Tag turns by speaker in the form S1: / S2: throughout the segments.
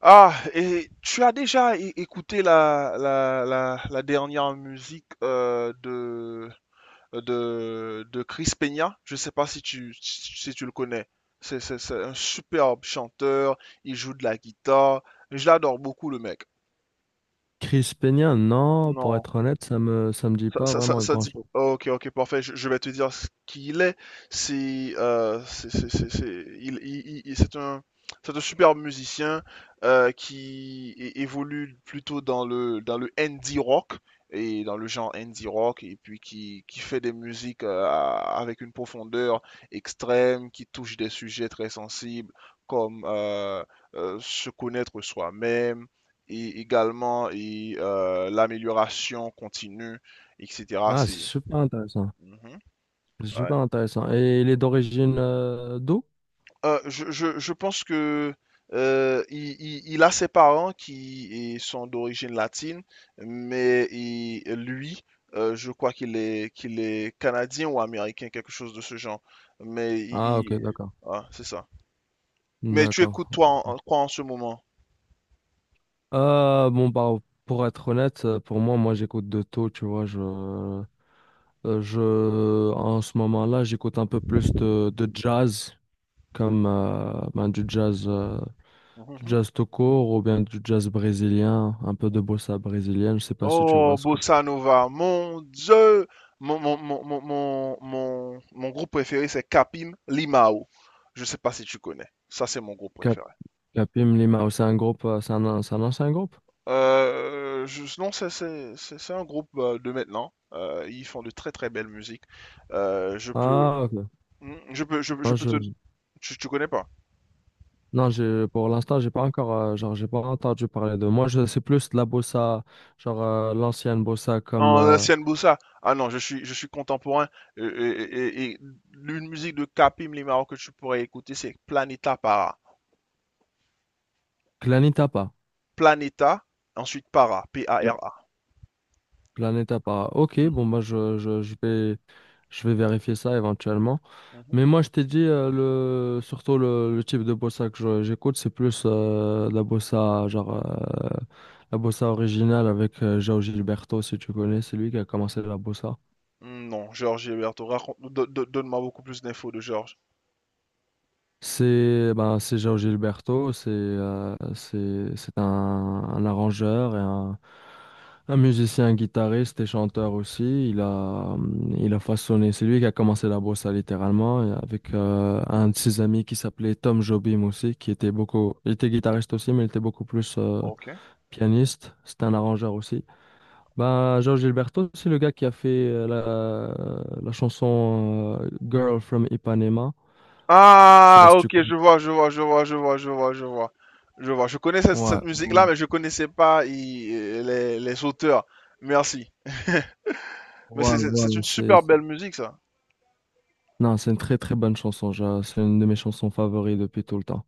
S1: Ah, et tu as déjà écouté la dernière musique de Chris Peña? Je sais pas si tu le connais. C'est un superbe chanteur, il joue de la guitare. Je l'adore beaucoup, le mec.
S2: Chris Peña, non, pour
S1: Non.
S2: être honnête, ça me dit
S1: Ça,
S2: pas
S1: ça, ça-
S2: vraiment
S1: ça dit.
S2: grand-chose.
S1: Oh, ok, ok, parfait. Je vais te dire ce qu'il est. C'est, euh, c'est, c'est, c'est, c'est- il, il- il- c'est un, c'est un super musicien qui évolue plutôt dans le indie rock et dans le genre indie rock et puis qui fait des musiques avec une profondeur extrême, qui touche des sujets très sensibles comme se connaître soi-même et également l'amélioration continue etc.
S2: Ah, c'est
S1: C'est.
S2: super intéressant.
S1: Mhm,
S2: C'est
S1: ouais.
S2: super intéressant. Et il est d'origine d'où?
S1: Je pense que il a ses parents qui sont d'origine latine, mais lui, je crois qu'il est canadien ou américain, quelque chose de ce genre. Mais il,
S2: Ah, ok,
S1: il-
S2: d'accord.
S1: ah, c'est ça. Mais tu écoutes
S2: D'accord.
S1: toi quoi en ce moment?
S2: Bon, bah, pour être honnête, pour moi, moi, j'écoute de tout, tu vois. Je, en ce moment-là, j'écoute un peu plus de jazz, comme ben, du jazz tout court ou bien du jazz brésilien, un peu de bossa brésilienne. Je sais pas si tu
S1: Oh,
S2: vois ce que.
S1: Bossa Nova, mon Dieu! Mon groupe préféré, c'est Capim Limao. Je sais pas si tu connais. Ça, c'est mon groupe préféré.
S2: La Pim Lima, oh, c'est un groupe, c'est un ancien groupe?
S1: Non, c'est un groupe de maintenant. Ils font de très très belles musiques. Euh, je peux,
S2: Ah, ok.
S1: Je peux,
S2: Non, je, je-
S1: Tu connais pas?
S2: non, pour l'instant, j'ai pas encore, genre, j'ai pas entendu parler de. C'est plus de la bossa, genre, l'ancienne bossa comme
S1: En ancienne Bossa. Ah non, je suis contemporain. Et l'une musique de Capim Limao que tu pourrais écouter, c'est Planeta Para.
S2: Planetapa.
S1: Planeta, ensuite Para,
S2: Pla-
S1: Para.
S2: Planetapa. Ok, bon,
S1: Mhm,
S2: bah, je je vais vérifier ça éventuellement.
S1: mhm.
S2: Mais moi, je t'ai dit, surtout le type de bossa que j'écoute, c'est plus la bossa, genre, la bossa originale avec João Gilberto, si tu connais, c'est lui qui a commencé la bossa.
S1: Mm, non, Georges et raconte, donne-moi beaucoup plus d'infos de Georges.
S2: C'est João Gilberto, c'est un arrangeur et un musicien, guitariste et chanteur aussi. Il a façonné, c'est lui qui a commencé la bossa littéralement et avec un de ses amis qui s'appelait Tom Jobim aussi, qui était beaucoup, il était guitariste aussi, mais il était beaucoup plus
S1: Ok.
S2: pianiste. C'était un arrangeur aussi. Ben, João Gilberto, c'est le gars qui a fait la chanson Girl from Ipanema. Je sais pas
S1: Ah,
S2: si tu
S1: ok,
S2: connais.
S1: je vois, je vois, je vois, je vois, je vois, je vois. Je vois,
S2: Ouais.
S1: cette musique-là, mais je connaissais pas les auteurs. Merci. Mais
S2: Voilà,
S1: c'est
S2: voilà,
S1: une super belle musique, ça.
S2: non, c'est une très très bonne chanson. C'est une de mes chansons favorites depuis tout le temps.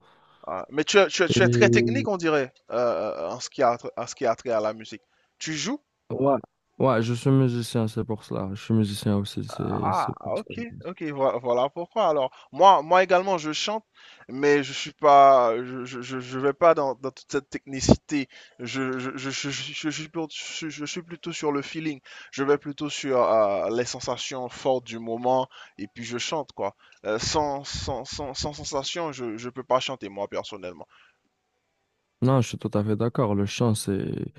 S1: Ah, mais tu es très technique,
S2: Et
S1: on dirait, en ce qui a, en ce qui a trait à la musique. Tu joues?
S2: ouais, ouais, je suis musicien, c'est pour cela. Je suis musicien aussi, c'est
S1: Ah,
S2: c'est pour ça.
S1: ok, ok, voilà pourquoi. Alors, moi, également, je chante, mais je suis pas, je vais pas dans toute cette technicité. Je suis plutôt, je suis plutôt sur le feeling. Je vais plutôt sur les sensations fortes du moment, et puis je chante, quoi. Sans sensation, je peux pas chanter, moi, personnellement.
S2: Non, je suis tout à fait d'accord. Le chant,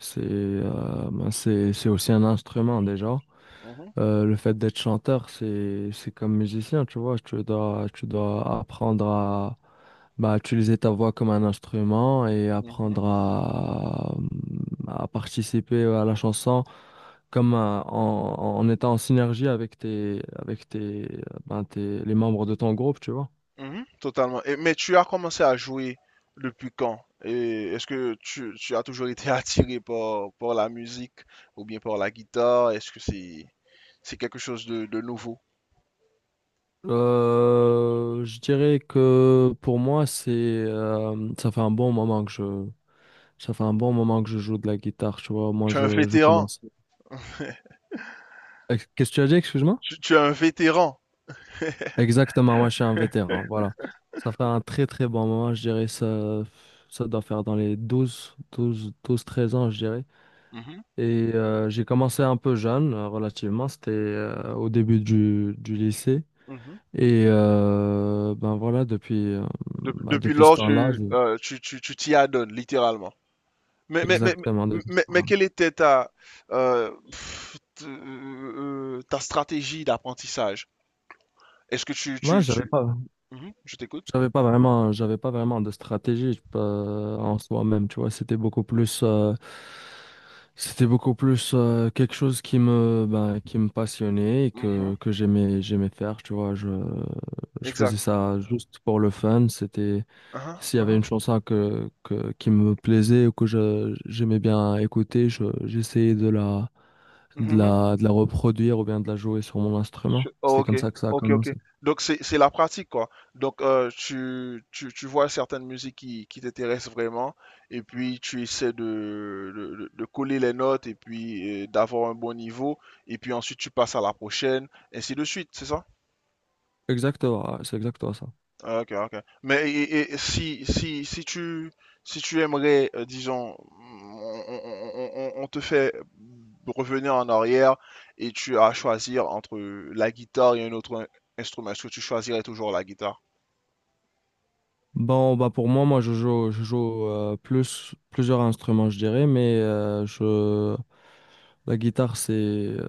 S2: c'est ben, c'est aussi un instrument déjà.
S1: Mhm,
S2: Le fait d'être chanteur, c'est comme musicien, tu vois. Tu dois apprendre à bah, utiliser ta voix comme un instrument et
S1: mhm.
S2: apprendre à participer à la chanson en, en étant en synergie avec tes, ben, les membres de ton groupe, tu vois.
S1: Mhm, totalement. Mais tu as commencé à jouer depuis quand? Et est-ce que tu as toujours été attiré par la musique ou bien par la guitare? Est-ce que c'est quelque chose de nouveau?
S2: Je dirais que pour moi, c'est ça fait un bon moment que je joue de la guitare, tu vois.
S1: Tu es un
S2: Je
S1: vétéran.
S2: commence Qu'est-ce que tu as dit, excuse-moi?
S1: Tu es un vétéran.
S2: Exactement, moi je suis un vétéran, voilà. Ça fait un très très bon moment, je dirais ça, ça doit faire dans les 12 12 12 13 ans, je dirais.
S1: Mhm,
S2: Et j'ai commencé un peu jeune, relativement, c'était au début du lycée.
S1: mhm.
S2: Et ben voilà, bah,
S1: Depuis
S2: depuis ce
S1: lors,
S2: temps-là,
S1: tu t'y adonnes, littéralement. Mais, mais, mais,
S2: exactement, depuis ce
S1: mais
S2: temps-là.
S1: quelle était ta, ta stratégie d'apprentissage? Est-ce que tu,
S2: Moi,
S1: tu,
S2: j'avais
S1: tu...
S2: pas.
S1: Mhm, je t'écoute.
S2: J'avais pas vraiment de stratégie en soi-même, tu vois. C'était beaucoup plus quelque chose qui me, ben, qui me passionnait et
S1: Mhm,
S2: que j'aimais, j'aimais faire, tu vois. Je faisais
S1: exact.
S2: ça juste pour le fun. C'était,
S1: Ah
S2: s'il y avait
S1: ah,
S2: une chanson qui me plaisait ou que je, j'aimais bien écouter, je, j'essayais
S1: mhm, mhm.
S2: de la reproduire ou bien de la jouer sur mon instrument.
S1: Oh,
S2: C'est
S1: ok,
S2: comme ça que ça a
S1: ok, ok.
S2: commencé.
S1: Donc c'est la pratique quoi. Donc tu vois certaines musiques qui t'intéressent vraiment et puis tu essaies de coller les notes et puis d'avoir un bon niveau et puis ensuite tu passes à la prochaine, ainsi de suite, c'est ça?
S2: Exactement, ouais, c'est exactement ça.
S1: Ah, ok, ok. Mais et si si tu aimerais, disons, on, on te fait revenir en arrière et tu as à choisir entre la guitare et un autre instrument, est-ce que tu choisirais toujours la guitare?
S2: Bon, bah pour moi, je joue plusieurs instruments, je dirais, mais la guitare, c'est...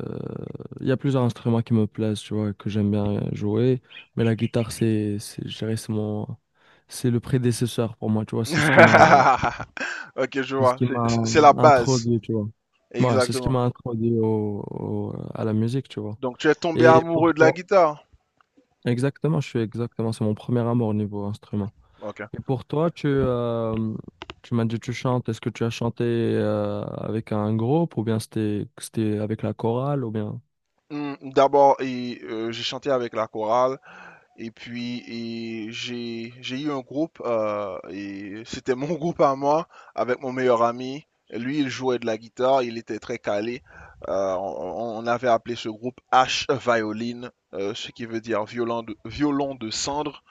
S2: il y a plusieurs instruments qui me plaisent, tu vois, que j'aime bien jouer, mais la guitare, je dirais, c'est mon, c'est le prédécesseur pour moi, tu vois,
S1: Ok, je
S2: c'est ce
S1: vois.
S2: qui m'a
S1: C'est la base.
S2: introduit, tu vois. Ouais, c'est ce qui
S1: Exactement.
S2: m'a introduit à la musique, tu vois.
S1: Donc tu es tombé
S2: Et pour
S1: amoureux de la
S2: toi,
S1: guitare.
S2: exactement, je suis exactement, c'est mon premier amour au niveau instrument.
S1: Ok.
S2: Et pour toi, tu m'as dit tu chantes. Est-ce que tu as chanté avec un groupe ou bien c'était avec la chorale ou bien...
S1: D'abord, j'ai chanté avec la chorale. Et puis, j'ai eu un groupe, et c'était mon groupe à moi, avec mon meilleur ami. Lui, il jouait de la guitare, il était très calé. On avait appelé ce groupe H Violin, ce qui veut dire violon violon de cendre.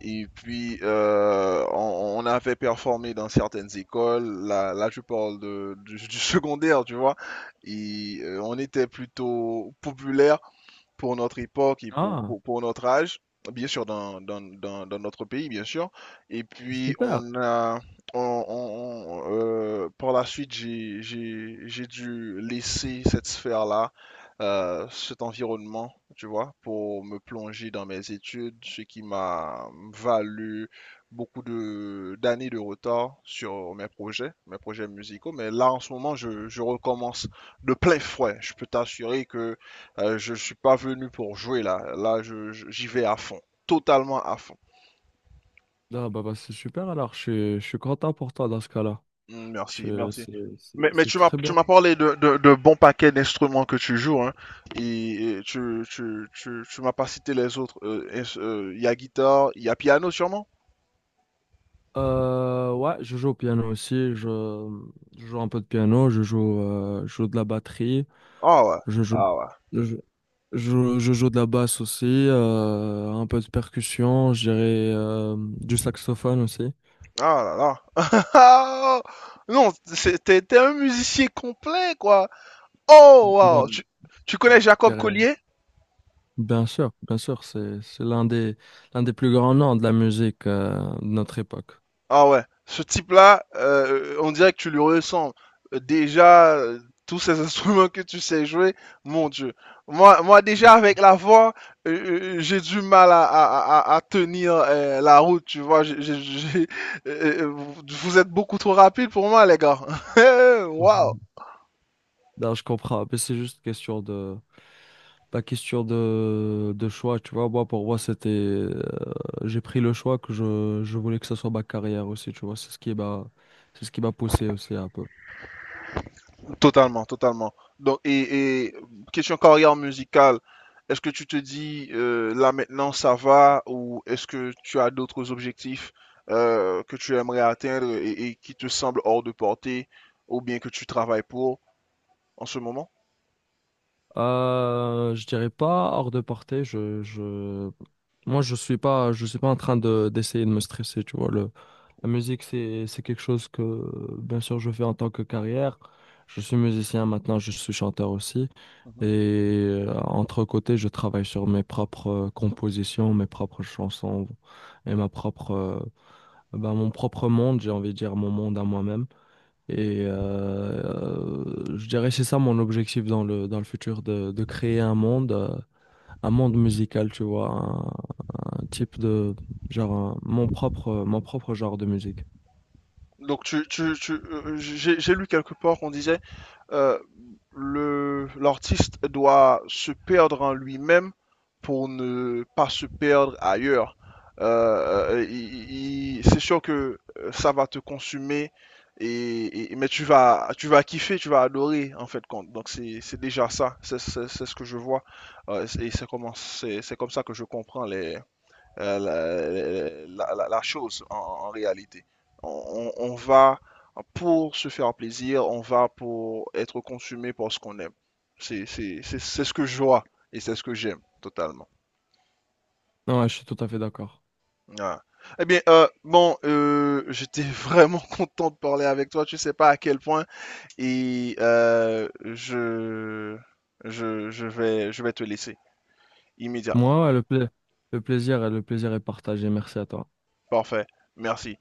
S1: Et puis, on avait performé dans certaines écoles. Là je parle du secondaire, tu vois. Et on était plutôt populaire pour notre époque et
S2: Ah,
S1: pour notre âge, bien sûr, dans notre pays, bien sûr. Et puis,
S2: super.
S1: on a, on, on, par la suite, j'ai dû laisser cette sphère-là, cet environnement, tu vois, pour me plonger dans mes études, ce qui m'a valu beaucoup d'années de retard sur mes projets musicaux. Mais là, en ce moment, je recommence de plein fouet. Je peux t'assurer que je suis pas venu pour jouer là. Là, j'y vais à fond. Totalement à fond.
S2: Ah, bah, bah, c'est super alors. Je suis content pour toi dans ce cas-là.
S1: Mm, merci, merci.
S2: C'est
S1: Mais,
S2: c'est très
S1: tu
S2: bien.
S1: m'as parlé de bons paquets d'instruments que tu joues, hein. Et, tu m'as pas cité les autres. Est Il y a guitare, il y a piano sûrement?
S2: Ouais, je joue au piano aussi. Je joue un peu de piano. Je joue de la batterie.
S1: Ah ouais.
S2: Je joue,
S1: Ah ouais.
S2: je, je joue de la basse aussi. Un peu de percussion. Je dirais du saxophone aussi.
S1: Ah là là. Ah! Non, t'es un musicien complet, quoi. Oh,
S2: Moi,
S1: wow. Tu connais
S2: je
S1: Jacob
S2: dirais,
S1: Collier?
S2: bien sûr, c'est l'un des plus grands noms de la musique de notre époque.
S1: Ah ouais, ce type-là, on dirait que tu lui ressembles. Déjà, tous ces instruments que tu sais jouer, mon Dieu. Moi, déjà,
S2: Ben,
S1: avec la voix, j'ai du mal à, à tenir la route, tu vois. Vous, vous êtes beaucoup trop rapide pour moi, les gars. Waouh!
S2: mhm. Non, je comprends, mais c'est juste question de pas question de choix, tu vois. Moi, pour moi, c'était j'ai pris le choix que je voulais que ce soit ma carrière aussi, tu vois. C'est ce qui m'a poussé aussi un peu.
S1: Totalement, totalement. Donc, et question carrière musicale, est-ce que tu te dis là maintenant ça va ou est-ce que tu as d'autres objectifs que tu aimerais atteindre et qui te semblent hors de portée ou bien que tu travailles pour en ce moment?
S2: Je dirais pas hors de portée. Je... Moi, je suis pas en train d'essayer de me stresser, tu vois. Le, la musique, c'est quelque chose que, bien sûr, je fais en tant que carrière. Je suis musicien maintenant, je suis chanteur aussi. Et entre côtés, je travaille sur mes propres compositions, mes propres chansons et ma propre, ben, mon propre monde, j'ai envie de dire mon monde à moi-même. Et je dirais c'est ça mon objectif dans le futur, de créer un monde musical, tu vois, un type de, genre, mon propre genre de musique.
S1: Donc j'ai lu quelque part qu'on disait euh, le l'artiste doit se perdre en lui-même pour ne pas se perdre ailleurs. C'est sûr que ça va te consumer mais tu vas kiffer, tu vas adorer en fait compte. Donc c'est déjà ça, c'est ce que je vois. Et c'est comment c'est comme ça que je comprends euh, la, euh, la chose en réalité. On, va pour se faire plaisir, on va pour être consumé par ce qu'on aime. C'est ce que je vois et c'est ce que j'aime totalement.
S2: Ouais, je suis tout à fait d'accord.
S1: Ah. Eh bien, bon, j'étais vraiment content de parler avec toi. Tu sais pas à quel point et je vais, te laisser immédiatement.
S2: Moi, ouais, le plaisir est partagé. Merci à toi.
S1: Parfait. Merci.